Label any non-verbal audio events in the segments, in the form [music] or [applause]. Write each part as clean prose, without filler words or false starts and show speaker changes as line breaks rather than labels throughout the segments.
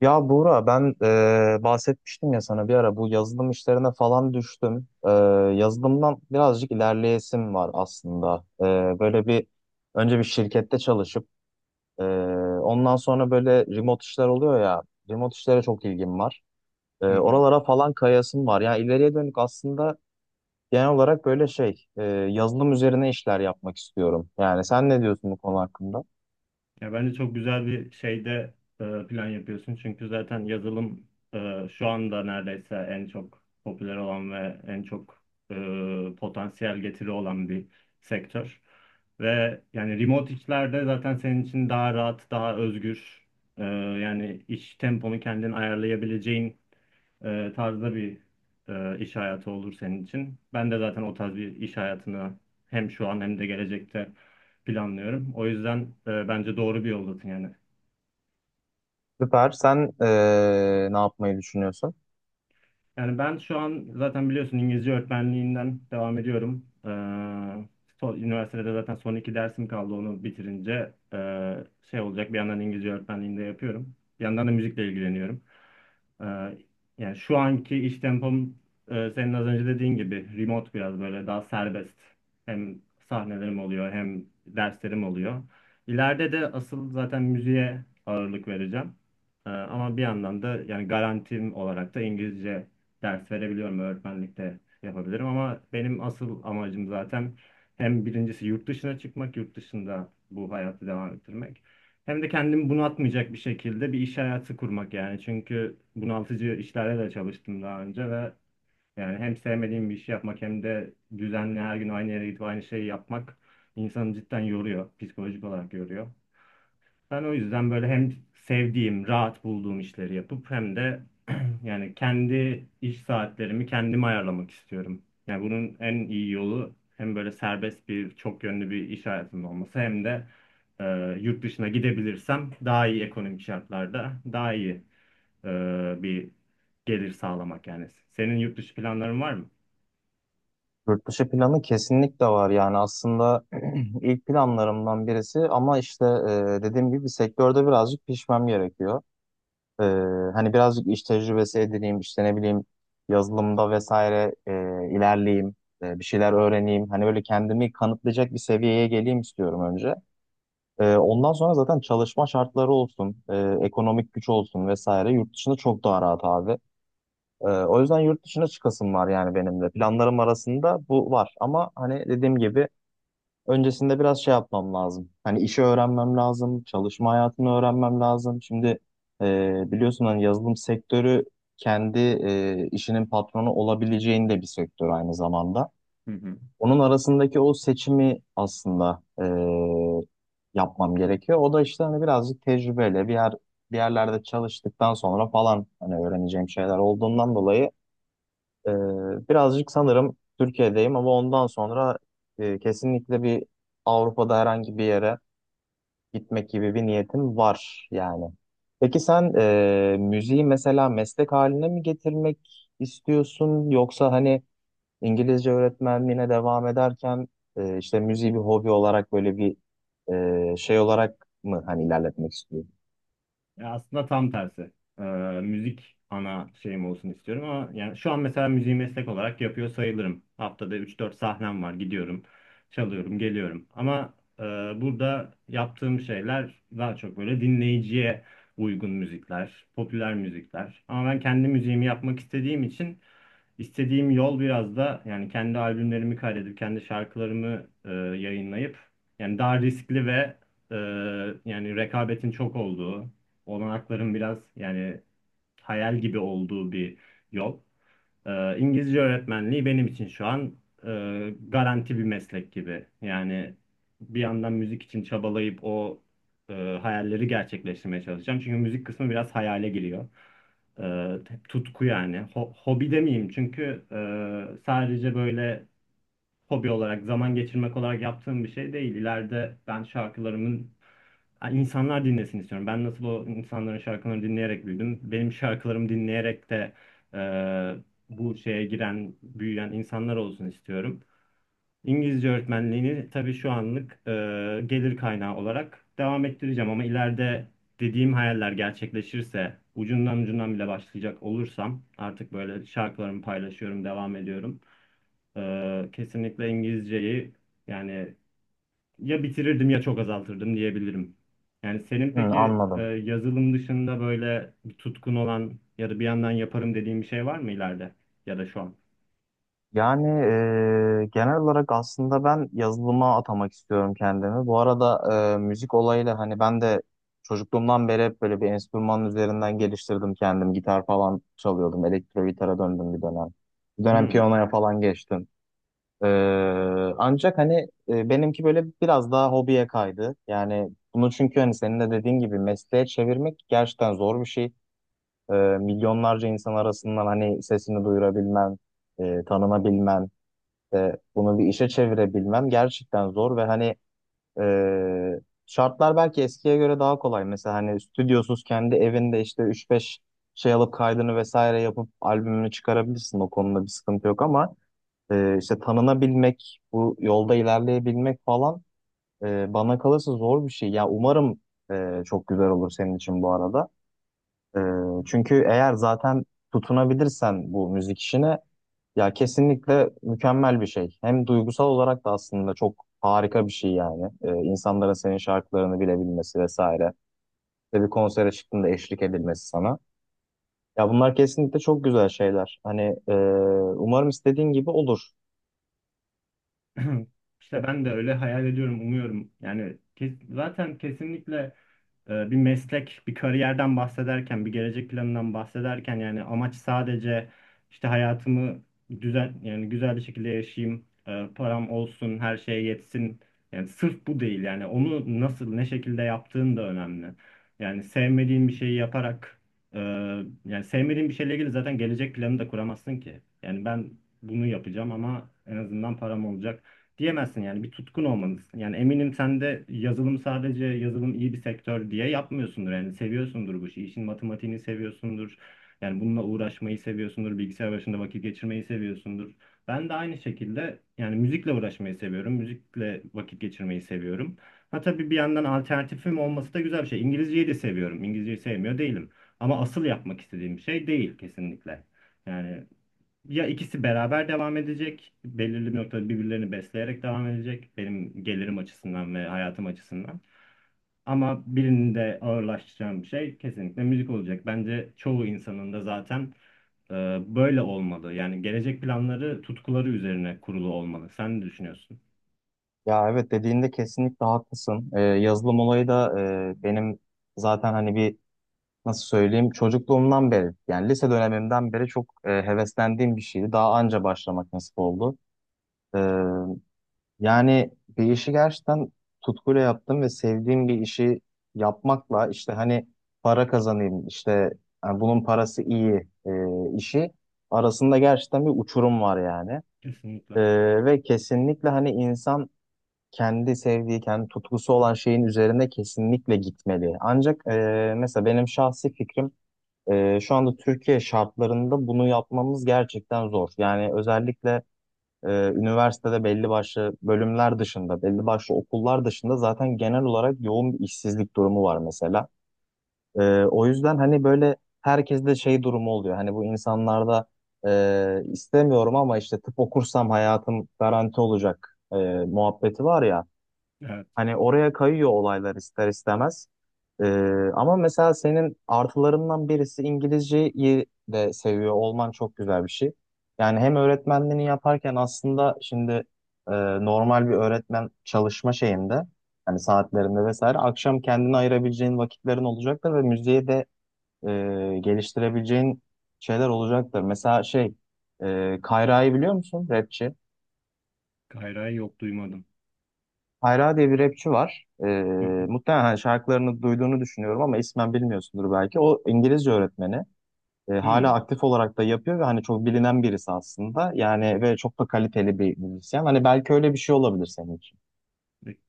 Ya Buğra ben bahsetmiştim ya sana bir ara bu yazılım işlerine falan düştüm. Yazılımdan birazcık ilerleyesim var aslında. E, böyle bir Önce bir şirkette çalışıp e, ondan sonra böyle remote işler oluyor ya. Remote işlere çok ilgim var.
Hı hı.
Oralara falan kayasım var. Yani ileriye dönük aslında genel olarak böyle yazılım üzerine işler yapmak istiyorum. Yani sen ne diyorsun bu konu hakkında?
Ya bence çok güzel bir şeyde plan yapıyorsun. Çünkü zaten yazılım şu anda neredeyse en çok popüler olan ve en çok potansiyel getiri olan bir sektör. Ve yani remote işlerde zaten senin için daha rahat, daha özgür. e, Yani iş temponu kendin ayarlayabileceğin tarzda bir iş hayatı olur senin için. Ben de zaten o tarz bir iş hayatını hem şu an hem de gelecekte planlıyorum. O yüzden bence doğru bir yoldasın yani.
Süper. Sen ne yapmayı düşünüyorsun?
Yani ben şu an zaten biliyorsun İngilizce öğretmenliğinden devam ediyorum. Üniversitede zaten son iki dersim kaldı, onu bitirince şey olacak, bir yandan İngilizce öğretmenliğinde yapıyorum. Bir yandan da müzikle ilgileniyorum. Ee, Yani şu anki iş tempom senin az önce dediğin gibi remote, biraz böyle daha serbest. Hem sahnelerim oluyor hem derslerim oluyor. İleride de asıl zaten müziğe ağırlık vereceğim. Ama bir yandan da yani garantim olarak da İngilizce ders verebiliyorum, öğretmenlikte yapabilirim ama benim asıl amacım zaten hem birincisi yurt dışına çıkmak, yurt dışında bu hayatı devam ettirmek. Hem de kendimi bunaltmayacak bir şekilde bir iş hayatı kurmak yani. Çünkü bunaltıcı işlerle de çalıştım daha önce ve yani hem sevmediğim bir işi yapmak hem de düzenli her gün aynı yere gidip aynı şeyi yapmak insanı cidden yoruyor. Psikolojik olarak yoruyor. Ben o yüzden böyle hem sevdiğim, rahat bulduğum işleri yapıp hem de [clears throat] yani kendi iş saatlerimi kendim ayarlamak istiyorum. Yani bunun en iyi yolu hem böyle serbest bir, çok yönlü bir iş hayatımın olması hem de e, yurt dışına gidebilirsem daha iyi ekonomik şartlarda daha iyi e, bir gelir sağlamak yani. Senin yurt dışı planların var mı?
Yurt dışı planı kesinlikle var yani aslında [clears throat] ilk planlarımdan birisi ama işte dediğim gibi sektörde birazcık pişmem gerekiyor. E, Hani birazcık iş tecrübesi edineyim işte ne bileyim yazılımda vesaire ilerleyeyim, bir şeyler öğreneyim. Hani böyle kendimi kanıtlayacak bir seviyeye geleyim istiyorum önce. Ondan sonra zaten çalışma şartları olsun, ekonomik güç olsun vesaire yurt dışında çok daha rahat abi. O yüzden yurt dışına çıkasım var yani benim de. Planlarım arasında bu var. Ama hani dediğim gibi öncesinde biraz şey yapmam lazım. Hani işi öğrenmem lazım, çalışma hayatını öğrenmem lazım. Şimdi biliyorsun hani yazılım sektörü kendi işinin patronu olabileceğin de bir sektör aynı zamanda.
Hı hı.
Onun arasındaki o seçimi aslında yapmam gerekiyor. O da işte hani birazcık tecrübeyle bir yerlerde çalıştıktan sonra falan hani öğreneceğim şeyler olduğundan dolayı ee, birazcık sanırım Türkiye'deyim ama ondan sonra kesinlikle bir Avrupa'da herhangi bir yere gitmek gibi bir niyetim var yani. Peki sen müziği mesela meslek haline mi getirmek istiyorsun yoksa hani İngilizce öğretmenliğine devam ederken işte müziği bir hobi olarak böyle bir şey olarak mı hani ilerletmek istiyorsun?
Ya aslında tam tersi. Ee, Müzik ana şeyim olsun istiyorum ama yani şu an mesela müziği meslek olarak yapıyor sayılırım. Haftada üç dört sahnem var. Gidiyorum, çalıyorum, geliyorum. Ama e, burada yaptığım şeyler daha çok böyle dinleyiciye uygun müzikler, popüler müzikler. Ama ben kendi müziğimi yapmak istediğim için İstediğim yol biraz da yani kendi albümlerimi kaydedip kendi şarkılarımı yayınlayıp yani daha riskli ve e, yani rekabetin çok olduğu, olanakların biraz yani hayal gibi olduğu bir yol. İngilizce öğretmenliği benim için şu an garanti bir meslek gibi. Yani bir yandan müzik için çabalayıp o e, hayalleri gerçekleştirmeye çalışacağım. Çünkü müzik kısmı biraz hayale giriyor. Ee, Tutku yani. Hobi demeyeyim çünkü sadece böyle hobi olarak, zaman geçirmek olarak yaptığım bir şey değil. İleride ben şarkılarımın, yani insanlar dinlesin istiyorum. Ben nasıl o insanların şarkılarını dinleyerek büyüdüm. Benim şarkılarımı dinleyerek de e, bu şeye giren, büyüyen insanlar olsun istiyorum. İngilizce öğretmenliğini tabii şu anlık gelir kaynağı olarak devam ettireceğim ama ileride dediğim hayaller gerçekleşirse, ucundan ucundan bile başlayacak olursam artık böyle şarkılarımı paylaşıyorum, devam ediyorum. Kesinlikle İngilizceyi yani ya bitirirdim ya çok azaltırdım diyebilirim. Yani senin
Hı,
peki
anladım.
yazılım dışında böyle bir tutkun olan ya da bir yandan yaparım dediğin bir şey var mı ileride ya da şu an?
Yani genel olarak aslında ben yazılıma atamak istiyorum kendimi. Bu arada müzik olayıyla hani ben de çocukluğumdan beri hep böyle bir enstrümanın üzerinden geliştirdim kendim. Gitar falan çalıyordum. Elektro gitara döndüm bir dönem. Bir dönem
Hmm.
piyanoya falan geçtim. E, Ancak hani benimki böyle biraz daha hobiye kaydı. Yani bunu çünkü hani senin de dediğin gibi mesleğe çevirmek gerçekten zor bir şey. Milyonlarca insan arasından hani sesini duyurabilmen, tanınabilmen. İşte bunu bir işe çevirebilmem gerçekten zor ve hani e, şartlar belki eskiye göre daha kolay. Mesela hani stüdyosuz kendi evinde işte üç beş şey alıp kaydını vesaire yapıp albümünü çıkarabilirsin. O konuda bir sıkıntı yok ama işte tanınabilmek, bu yolda ilerleyebilmek falan bana kalırsa zor bir şey. Ya umarım çok güzel olur senin için bu arada. Ee, Çünkü eğer zaten tutunabilirsen bu müzik işine ya kesinlikle mükemmel bir şey. Hem duygusal olarak da aslında çok harika bir şey yani. İnsanların senin şarkılarını bilebilmesi vesaire. Ve bir konsere çıktığında eşlik edilmesi sana. Ya bunlar kesinlikle çok güzel şeyler. Hani e, umarım istediğin gibi olur.
[clears throat] İşte ben de öyle hayal ediyorum, umuyorum. Yani zaten kesinlikle bir meslek, bir kariyerden bahsederken, bir gelecek planından bahsederken yani amaç sadece işte hayatımı düzen, yani güzel bir şekilde yaşayayım, param olsun, her şeye yetsin. Yani sırf bu değil, yani onu nasıl, ne şekilde yaptığın da önemli. Yani sevmediğin bir şeyi yaparak e, yani sevmediğin bir şeyle ilgili zaten gelecek planı da kuramazsın ki. Yani ben bunu yapacağım ama en azından param olacak diyemezsin, yani bir tutkun olmalısın. Yani eminim sen de yazılım, sadece yazılım iyi bir sektör diye yapmıyorsundur. Yani seviyorsundur bu işi. İşin matematiğini seviyorsundur. Yani bununla uğraşmayı seviyorsundur. Bilgisayar başında vakit geçirmeyi seviyorsundur. Ben de aynı şekilde yani müzikle uğraşmayı seviyorum. Müzikle vakit geçirmeyi seviyorum. Ha tabii bir yandan alternatifim olması da güzel bir şey. İngilizceyi de seviyorum. İngilizceyi sevmiyor değilim. Ama asıl yapmak istediğim şey değil kesinlikle. Yani ya ikisi beraber devam edecek, belirli bir noktada birbirlerini besleyerek devam edecek, benim gelirim açısından ve hayatım açısından. Ama birinin de ağırlaştıracağım şey kesinlikle müzik olacak. Bence çoğu insanın da zaten e, böyle olmalı. Yani gelecek planları tutkuları üzerine kurulu olmalı. Sen ne düşünüyorsun?
Ya evet dediğinde kesinlikle haklısın. Yazılım olayı da benim zaten hani bir nasıl söyleyeyim, çocukluğumdan beri yani lise dönemimden beri çok heveslendiğim bir şeydi. Daha anca başlamak nasip oldu. Ee, Yani bir işi gerçekten tutkuyla yaptım ve sevdiğim bir işi yapmakla işte hani para kazanayım işte, yani bunun parası iyi işi arasında gerçekten bir uçurum var yani.
Kesinlikle.
Ve kesinlikle hani insan kendi sevdiği, kendi tutkusu olan şeyin üzerine kesinlikle gitmeli. Ancak mesela benim şahsi fikrim, şu anda Türkiye şartlarında bunu yapmamız gerçekten zor. Yani özellikle üniversitede belli başlı bölümler dışında, belli başlı okullar dışında zaten genel olarak yoğun bir işsizlik durumu var mesela. O yüzden hani böyle herkeste şey durumu oluyor. Hani bu insanlarda istemiyorum ama işte tıp okursam hayatım garanti olacak muhabbeti var ya.
Evet.
Hani oraya kayıyor olaylar ister istemez. Ama mesela senin artılarından birisi İngilizceyi de seviyor olman çok güzel bir şey. Yani hem öğretmenliğini yaparken aslında şimdi e, normal bir öğretmen çalışma şeyinde hani saatlerinde vesaire akşam kendine ayırabileceğin vakitlerin olacaktır ve müziği de e, geliştirebileceğin şeyler olacaktır. Mesela şey Kayra'yı biliyor musun? Rapçi.
Gayrı yok, duymadım.
Kayra diye bir rapçi var.
Hı hı.
Muhtemelen hani şarkılarını duyduğunu düşünüyorum ama ismen bilmiyorsundur belki. O İngilizce öğretmeni. Hala
Hı.
aktif olarak da yapıyor ve hani çok bilinen birisi aslında. Yani ve çok da kaliteli bir müzisyen. Hani belki öyle bir şey olabilir senin için.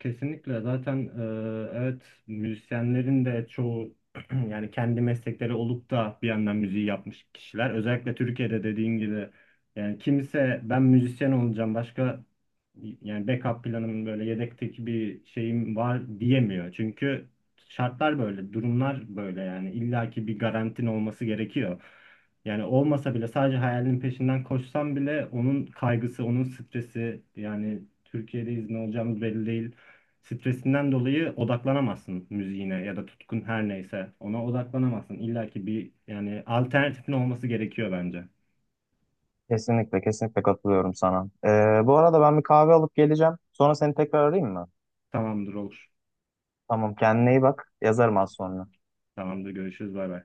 Kesinlikle zaten evet, müzisyenlerin de çoğu [clears throat] yani kendi meslekleri olup da bir yandan müziği yapmış kişiler. Özellikle Türkiye'de dediğin gibi yani kimse ben müzisyen olacağım başka, yani backup planım böyle yedekteki bir şeyim var diyemiyor. Çünkü şartlar böyle, durumlar böyle, yani illaki bir garantin olması gerekiyor. Yani olmasa bile sadece hayalinin peşinden koşsam bile onun kaygısı, onun stresi, yani Türkiye'deyiz ne olacağımız belli değil. Stresinden dolayı odaklanamazsın müziğine ya da tutkun her neyse ona odaklanamazsın. İlla ki bir yani alternatifin olması gerekiyor bence.
Kesinlikle, kesinlikle katılıyorum sana. Bu arada ben bir kahve alıp geleceğim. Sonra seni tekrar arayayım mı?
Tamamdır, olur.
Tamam, kendine iyi bak. Yazarım az sonra.
Tamamdır, görüşürüz, bay bay.